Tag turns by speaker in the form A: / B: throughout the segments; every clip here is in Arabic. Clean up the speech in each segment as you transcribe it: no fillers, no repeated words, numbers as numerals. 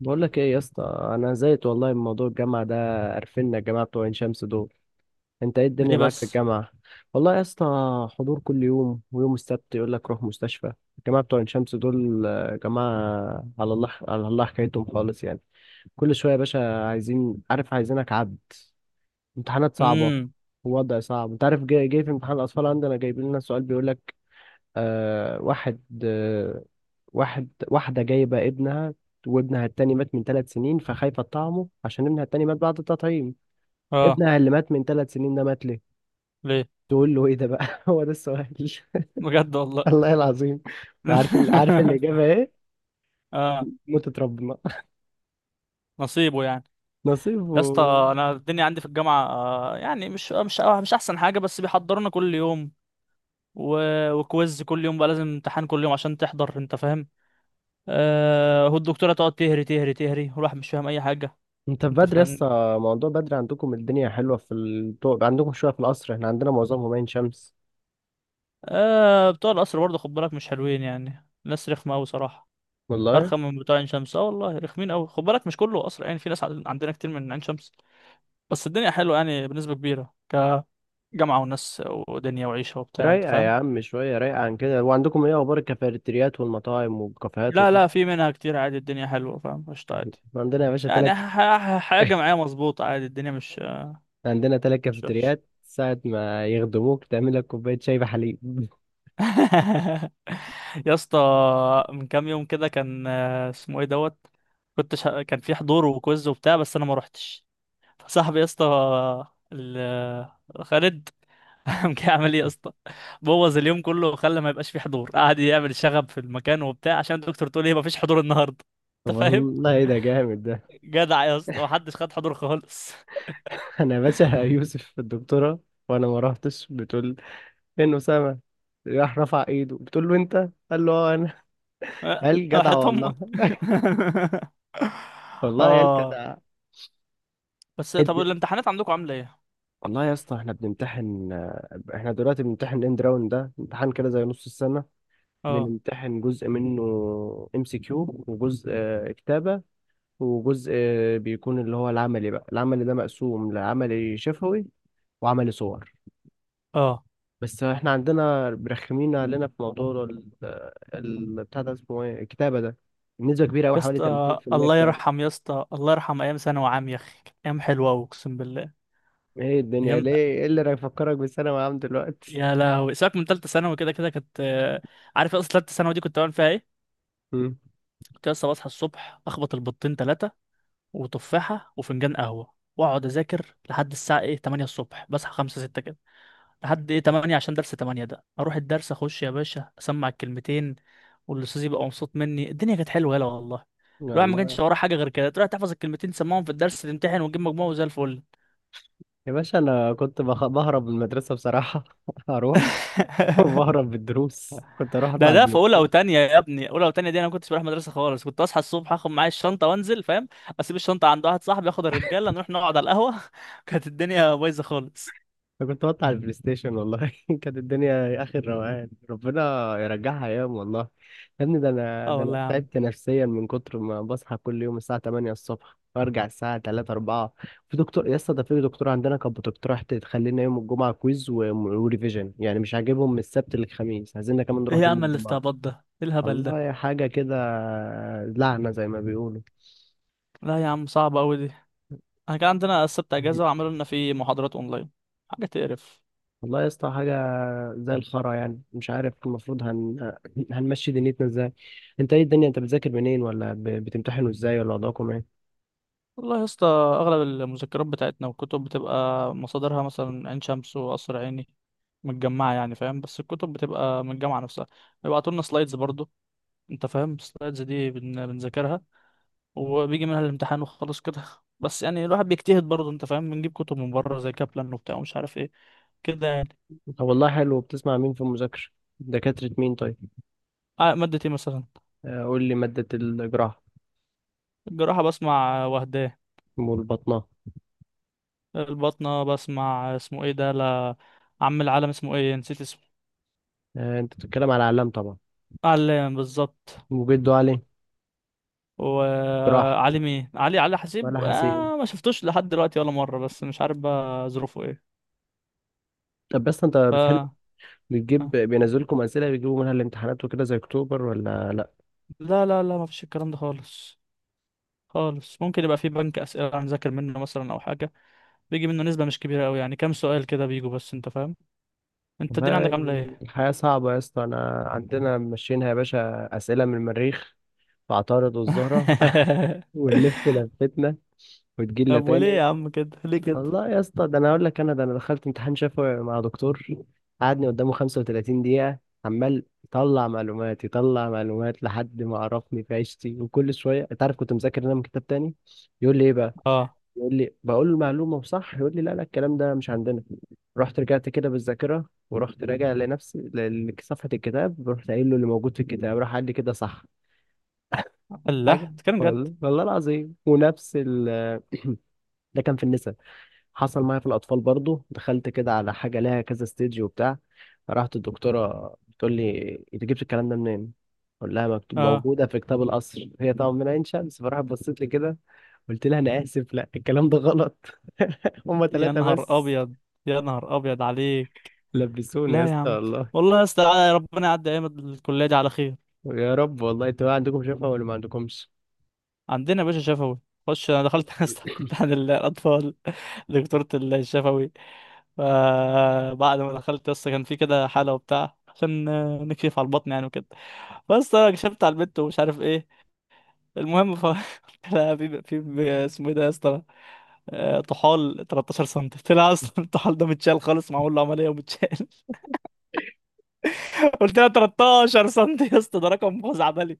A: بقول لك ايه يا اسطى؟ انا زهقت والله من موضوع الجامعه ده. قرفنا الجماعه بتوع عين شمس دول. انت ايه الدنيا
B: ليه
A: معاك في
B: بس؟
A: الجامعه؟ والله يا اسطى، حضور كل يوم ويوم السبت يقول لك روح مستشفى. الجماعه بتوع عين شمس دول آه، جماعه. على الله على الله حكايتهم خالص يعني. كل شويه يا باشا عايزين، عارف، عايزينك عبد. امتحانات صعبه
B: امم.
A: ووضع صعب، انت عارف. جاي في امتحان الاطفال عندنا، جايبين لنا سؤال بيقول لك واحد، واحد، واحدة جايبة ابنها، وابنها التاني مات من 3 سنين فخايفة تطعمه عشان ابنها التاني مات بعد التطعيم.
B: اه.
A: ابنها اللي مات من ثلاث سنين ده مات ليه؟
B: ليه
A: تقول له ايه ده بقى؟ هو ده السؤال.
B: بجد والله.
A: الله العظيم. عارف الإجابة ايه؟
B: اه،
A: موتة ربنا.
B: نصيبه يعني.
A: نصيب
B: يا اسطى، انا الدنيا عندي في الجامعه يعني مش احسن حاجه، بس بيحضرونا كل يوم و... وكويز كل يوم، بقى لازم امتحان كل يوم عشان تحضر، انت فاهم؟ والدكتوره تقعد تهري تهري تهري، والواحد مش فاهم اي حاجه،
A: انت
B: انت
A: بدري لسه،
B: فاهم؟
A: موضوع بدري عندكم، الدنيا حلوة في عندكم شوية في القصر، احنا عندنا معظمهم عين شمس.
B: بتوع القصر برضه، خد بالك مش حلوين، يعني ناس رخمه قوي صراحه.
A: والله
B: ارخم من بتوع عين شمس، اه والله، رخمين قوي، خد بالك مش كله قصر، يعني في ناس عندنا كتير من عين شمس. بس الدنيا حلوة يعني بنسبة كبيرة، كجامعة وناس ودنيا وعيشة وبتاع، انت
A: رايقة يا
B: فاهم؟
A: عم شوية، رايقة عن كده. وعندكم ايه اخبار الكافيتريات والمطاعم والكافيهات
B: لا
A: وكده؟
B: لا، في منها كتير عادي، الدنيا حلوة، فاهم؟ قشطة عادي.
A: عندنا يا باشا
B: يعني
A: تلات،
B: حياة جامعية مظبوطة عادي، الدنيا مش
A: عندنا ثلاث
B: وحشة.
A: كافيتريات ساعة ما يخدموك تعمل لك كوباية شاي بحليب.
B: يا اسطى، من كام يوم كده كان اسمه ايه دوت. كان في حضور وكويز وبتاع، بس انا ما روحتش. فصاحبي يا اسطى ال- خالد قام جاي عامل ايه يا اسطى. بوظ اليوم كله وخلى ما يبقاش فيه حضور، قعد يعمل شغب في المكان وبتاع عشان الدكتور تقول ايه مفيش حضور النهارده. انت فاهم؟
A: والله ده جامد ده.
B: جدع يا اسطى، محدش خد حضور خالص.
A: أنا يا باشا يوسف الدكتورة، وأنا ما رحتش، بتقول فين أسامة؟ راح رفع إيده، بتقول له أنت؟ قال له أه أنا.
B: أه،
A: قال جدع
B: راحت امك.
A: والله. والله يا
B: اه.
A: الجدع.
B: بس طب
A: قد-
B: الامتحانات عندكم عامله ايه؟
A: والله يا اسطى، احنا بنمتحن. احنا دلوقتي بنمتحن اند راوند، ده امتحان كده زي نص السنة.
B: اه.
A: بنمتحن جزء منه ام سي كيو، وجزء كتابة، وجزء بيكون اللي هو العملي بقى. العملي ده مقسوم لعملي شفوي وعملي صور.
B: اه،
A: بس احنا عندنا برخمين علينا في موضوع بتاع ده اسمه ايه، الكتابة ده نسبة كبيرة أوي،
B: يا
A: حوالي
B: اسطى
A: 30%
B: الله
A: كتابة.
B: يرحم، يا اسطى الله يرحم ايام ثانوي عام، يا اخي كانت ايام حلوه أوي، اقسم بالله.
A: ايه الدنيا
B: ايام.
A: ليه، ايه اللي هيفكرك بالثانوي عام دلوقتي؟
B: يا لهوي، سيبك من ثالثه ثانوي، كده كده كانت عارف اصلا ثالثه ثانوي دي كنت بعمل فيها ايه؟
A: مم.
B: كنت لسه بصحى الصبح اخبط البيضتين ثلاثه وتفاحه وفنجان قهوه، واقعد اذاكر لحد الساعه ايه 8 الصبح، بصحى 5 6 كده، لحد ايه 8 عشان درس 8 ده، اروح الدرس اخش يا باشا اسمع الكلمتين، والاستاذ يبقى مبسوط مني، الدنيا كانت حلوه، يلا والله. الواحد ما
A: والله
B: كانش وراه حاجه غير كده، تروح تحفظ الكلمتين تسمعهم في الدرس، تمتحن وتجيب مجموع وزي الفل.
A: يا باشا أنا كنت بهرب من المدرسة بصراحة. أروح وبهرب بالدروس، كنت أروح
B: ده
A: أطلع
B: ده في
A: البلاي.
B: اولى وتانية يا ابني، اولى وتانية دي انا ما كنتش بروح مدرسه خالص، كنت اصحى الصبح اخد معايا الشنطه وانزل، فاهم؟ اسيب الشنطه عند واحد صاحبي، اخد الرجاله نروح نقعد على القهوه. كانت الدنيا بايظه خالص.
A: انا كنت بقطع البلاي ستيشن والله. كانت الدنيا اخر روقان، ربنا يرجعها ايام والله. يا ابني، ده انا،
B: اه
A: ده انا
B: والله يا عم.
A: تعبت نفسيا من كتر ما بصحى كل يوم الساعه 8 الصبح وارجع الساعه 3 4. في دكتور يا اسطى، ده في دكتور عندنا كانت بتقترح تخلينا يوم الجمعه كويز وريفيجن، يعني مش عاجبهم من السبت للخميس، عايزيننا كمان
B: ايه
A: نروح
B: يا
A: يوم
B: عم
A: الجمعه.
B: الاستعباط ده؟ ايه الهبل ده؟
A: والله حاجه كده، لعنه زي ما بيقولوا.
B: لا يا عم، صعب قوي دي. احنا كان عندنا السبت اجازه وعملوا لنا فيه محاضرات اونلاين، حاجه تقرف.
A: والله يا اسطى حاجة زي الخرا، يعني مش عارف المفروض هنمشي دنيتنا ازاي؟ انت ايه الدنيا، انت بتذاكر منين، ولا بتمتحنوا ازاي، ولا وضعكم ايه؟
B: والله يا اسطى، اغلب المذكرات بتاعتنا والكتب بتبقى مصادرها مثلا عين شمس وقصر عيني متجمعه، يعني فاهم، بس الكتب بتبقى من الجامعه نفسها. بيبعتوا لنا سلايدز برضو، انت فاهم؟ السلايدز دي بنذاكرها، وبيجي منها الامتحان وخلاص كده. بس يعني الواحد بيجتهد برضه، انت فاهم؟ بنجيب كتب من بره زي كابلان وبتاع ومش عارف ايه، كده يعني.
A: طب والله حلو. بتسمع مين في المذاكرة؟ دكاترة مين طيب؟
B: مادة ايه مثلا؟
A: قول لي مادة الجراحة
B: الجراحة بسمع وهداه.
A: والبطنة.
B: الباطنة بسمع اسمه ايه ده، لا. عم العالم اسمه ايه، نسيت اسمه.
A: انت بتتكلم على علام طبعا،
B: علام بالظبط.
A: وجدوا علي، جراحة
B: وعلي مين؟ علي، علي حسيب.
A: ولا حسين.
B: آه ما شفتوش لحد دلوقتي ولا مرة، بس مش عارف بقى ظروفه ايه.
A: طب بس انت
B: ف
A: بتحل،
B: آه.
A: بتجيب؟ بينزلكم أسئلة بيجيبوا منها الامتحانات وكده زي أكتوبر ولا لأ؟
B: لا لا لا، ما فيش الكلام ده خالص خالص. ممكن يبقى في بنك اسئله هنذاكر منه مثلا، او حاجه بيجي منه نسبه مش كبيره قوي، يعني كام سؤال كده بيجوا، بس انت فاهم. انت الدنيا
A: والله
B: عندك عامله ايه؟
A: الحياة صعبة يا اسطى. أنا عندنا ماشيينها يا باشا، أسئلة من المريخ فاعترضوا الزهرة، ونلف لفتنا وتجيلنا
B: طب وليه
A: تاني.
B: يا عم كده؟ ليه كده؟
A: الله يا اسطى، ده انا اقول لك، انا ده انا دخلت امتحان شفوي مع دكتور، قعدني قدامه 35 دقيقة، عمال يطلع معلومات يطلع معلومات لحد ما عرفني في عيشتي، وكل شوية انت عارف كنت مذاكر انا من كتاب تاني. يقول لي ايه بقى؟
B: اه.
A: يقول لي، بقول له المعلومة وصح، يقول لي لا لا الكلام ده مش عندنا. رحت رجعت كده بالذاكرة، ورحت راجع لنفسي لصفحة الكتاب، ورحت قايل له اللي موجود في الكتاب، راح قال لي كده صح. حاجة
B: الله، تتكلم جد؟
A: والله، والله العظيم. ونفس ال، ده كان في النساء. حصل معايا في الأطفال برضو، دخلت كده على حاجة لها كذا ستيج وبتاع، رحت الدكتورة بتقول لي أنت جبت الكلام ده منين؟ قول لها مكتوب،
B: اه.
A: موجودة في كتاب القصر، هي طبعا من عين شمس فراحت بصيت لي كده. قلت لها أنا آسف، لا الكلام ده غلط. هما
B: يا
A: 3
B: نهار
A: بس.
B: ابيض، يا نهار ابيض عليك.
A: لبسوني يا
B: لا يا
A: اسطى
B: عم.
A: والله.
B: والله يا اسطى، ربنا يعدي ايام الكليه دي على خير.
A: يا رب والله، انتوا بقى عندكم شفا ولا ما عندكمش؟
B: عندنا يا باشا شفوي. خش، انا دخلت اسطى في امتحان الاطفال، دكتورة الشفوي. فبعد ما دخلت لسه كان في كده حالة وبتاع، عشان نكشف على البطن يعني وكده. بس انا كشفت على البنت ومش عارف ايه، المهم ف. لا، في اسمه ايه ده يا اسطى، طحال 13 سم طلع، اصلا الطحال ده متشال خالص، معمول له عمليه ومتشال. قلت لها 13 سم يا اسطى، ده رقم خزعبلي.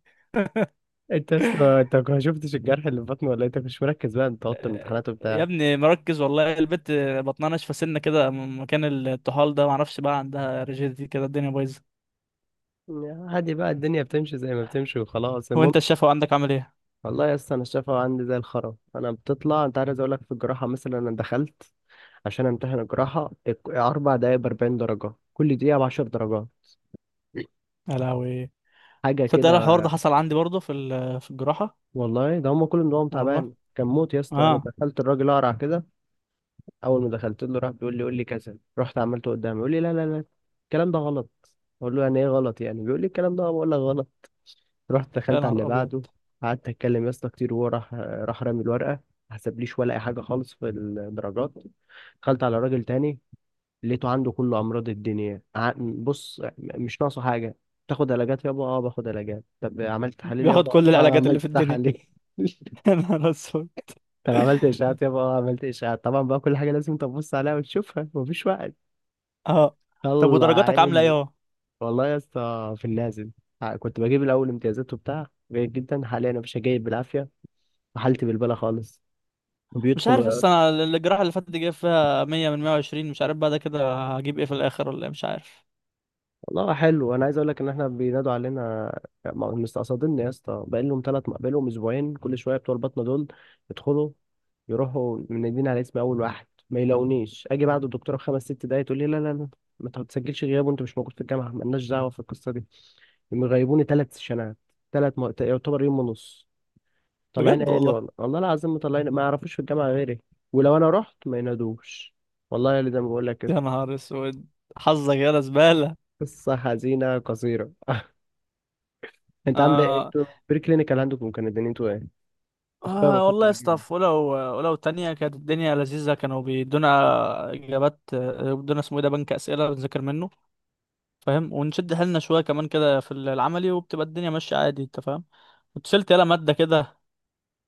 A: انت يا اسطى، انت ما شفتش الجرح اللي في بطني ولا إيه؟ انت مش مركز بقى انت وقت الامتحانات
B: يا
A: وبتاع.
B: ابني مركز والله، البت بطنها ناشفه سنه كده من مكان الطحال ده، معرفش بقى عندها ريجيديتي كده، الدنيا بايظه.
A: عادي بقى، الدنيا بتمشي زي ما بتمشي وخلاص.
B: هو
A: المهم
B: انت الشفا عندك عامل ايه؟
A: والله يا اسطى، انا الشفا عندي زي الخرا. انا بتطلع، انت عايز اقول لك، في الجراحه مثلا انا دخلت عشان امتحن الجراحه 4 دقايق ب 40 درجه، كل دقيقه ب 10 درجات.
B: يا لهوي.
A: حاجه
B: تصدق
A: كده
B: أنا الحوار ده حصل عندي برضه في في الجراحه.
A: والله، ده هم كل نظام
B: والله.
A: تعبان كان موت. يا اسطى، انا
B: اه.
A: دخلت الراجل اقرع كده، اول ما دخلت له راح بيقول لي قول لي كذا، رحت عملته قدامي يقول لي لا لا لا الكلام ده غلط. اقول له يعني ايه غلط، يعني بيقول لي الكلام ده بقول لك غلط. رحت
B: يا
A: دخلت على
B: نهار
A: اللي
B: ابيض.
A: بعده، قعدت اتكلم يا اسطى كتير، وهو راح رامي الورقه، ما حسبليش ولا اي حاجه خالص في الدرجات. دخلت على راجل تاني، لقيته عنده كل امراض الدنيا. بص مش ناقصه حاجه، تاخد علاجات يابا، اه باخد علاجات، طب عملت تحاليل
B: بياخد
A: يابا،
B: كل
A: اه
B: العلاجات اللي في
A: عملت
B: الدنيا.
A: تحاليل.
B: يا نهار اسود.
A: طب عملت اشاعات يابا، اه عملت اشاعات. طبعا بقى كل حاجه لازم تبص عليها وتشوفها، مفيش وقت،
B: اه. طب
A: طلع
B: ودرجاتك عامله ايه
A: عيني.
B: اهو؟
A: والله يا اسطى في النازل، كنت بجيب الاول امتيازات وبتاع جيد جدا، حاليا انا مش جايب بالعافيه، حالتي بالبالة خالص،
B: مش
A: وبيدخل
B: عارف
A: ويقعد.
B: لسه، انا الجراحه اللي فاتت دي جايب فيها 100 من 120، مش عارف بقى ده كده هجيب ايه في الاخر، ولا إيه، مش عارف.
A: والله حلو، انا عايز اقول لك ان احنا بينادوا علينا مستقصدين يا اسطى، بقى لهم ثلاث، بقى لهم اسبوعين، كل شويه بتوع البطنه دول يدخلوا يروحوا منادين على اسم اول واحد ما يلاقونيش، اجي بعد الدكتوره بخمس ست دقايق تقول لي لا لا لا ما تسجلش غياب، وانت مش موجود في الجامعه مالناش دعوه في القصه دي. مغيبوني 3 سيشنات، يعتبر يوم ونص. طلعين
B: بجد
A: عيني
B: والله.
A: والله، والله العظيم مطلعين، ما يعرفوش في الجامعه غيري، ولو انا رحت ما ينادوش. والله اللي زي ما بقول لك
B: يا
A: كده.
B: نهار اسود، حظك يا زباله.
A: قصة حزينة قصيرة. انت عامل ايه؟
B: آه.
A: انتوا بري كلينيكال عندكم كان الدنيا، انتوا ايه؟ اخويا
B: آه والله
A: بفكر
B: يا اسطى،
A: اجيب.
B: ولو تانية كانت الدنيا لذيذة، كانوا بيدونا إجابات، بيدونا اسمه إيه ده، بنك أسئلة بنذاكر منه، فاهم، ونشد حيلنا شوية كمان كده في العملي، وبتبقى الدنيا ماشية عادي، أنت فاهم. كنت شلت يلا مادة كده،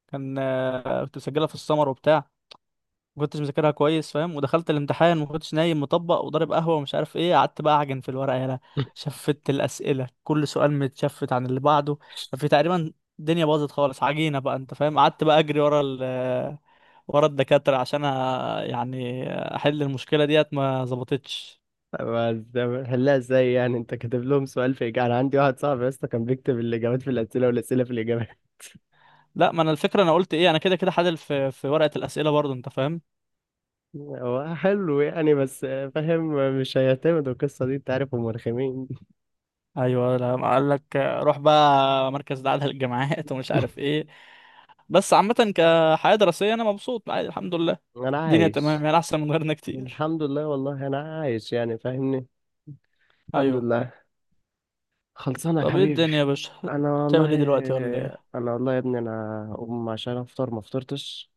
B: كان كنت مسجلها في السمر وبتاع، ما كنتش مذاكرها كويس، فاهم؟ ودخلت الامتحان ما كنتش نايم، مطبق وضارب قهوه ومش عارف ايه، قعدت بقى اعجن في الورقه، يالا. شفت الاسئله، كل سؤال متشفت عن اللي بعده. ففي تقريبا، الدنيا باظت خالص عجينه بقى، انت فاهم؟ قعدت بقى اجري ورا ورا الدكاتره عشان يعني احل المشكله ديت، ما ظبطتش.
A: بس هلا ازاي يعني انت كاتب لهم سؤال في اجابة؟ انا عندي واحد صاحبي يا اسطى كان بيكتب الاجابات في الاسئله والاسئله في الاجابات.
B: لا، ما انا الفكره انا قلت ايه، انا كده كده حلل في ورقه الاسئله برضه، انت فاهم.
A: هو حلو يعني، بس فاهم مش هيعتمدوا القصه دي، انت عارف هم رخمين.
B: ايوه، لما قال لك روح بقى مركز دعاء للجامعات ومش عارف ايه. بس عامة كحياة دراسية انا مبسوط عادي، الحمد لله.
A: انا
B: الدنيا تمام
A: عايش
B: يعني، احسن من غيرنا كتير.
A: الحمد لله. والله انا عايش يعني فاهمني، الحمد
B: ايوه.
A: لله. خلصانه يا
B: طب ايه
A: حبيبي.
B: الدنيا يا باشا،
A: انا والله،
B: بتعمل ايه دلوقتي ولا ايه؟
A: انا والله يا ابني انا اقوم عشان افطر ما فطرتش،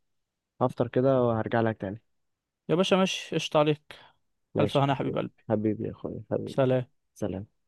A: هفطر كده وهرجع لك تاني.
B: يا باشا ماشي، قشطة عليك. الف
A: ماشي يا
B: هنا يا
A: حبيبي،
B: حبيب قلبي.
A: حبيبي يا اخويا حبيبي.
B: سلام.
A: سلام.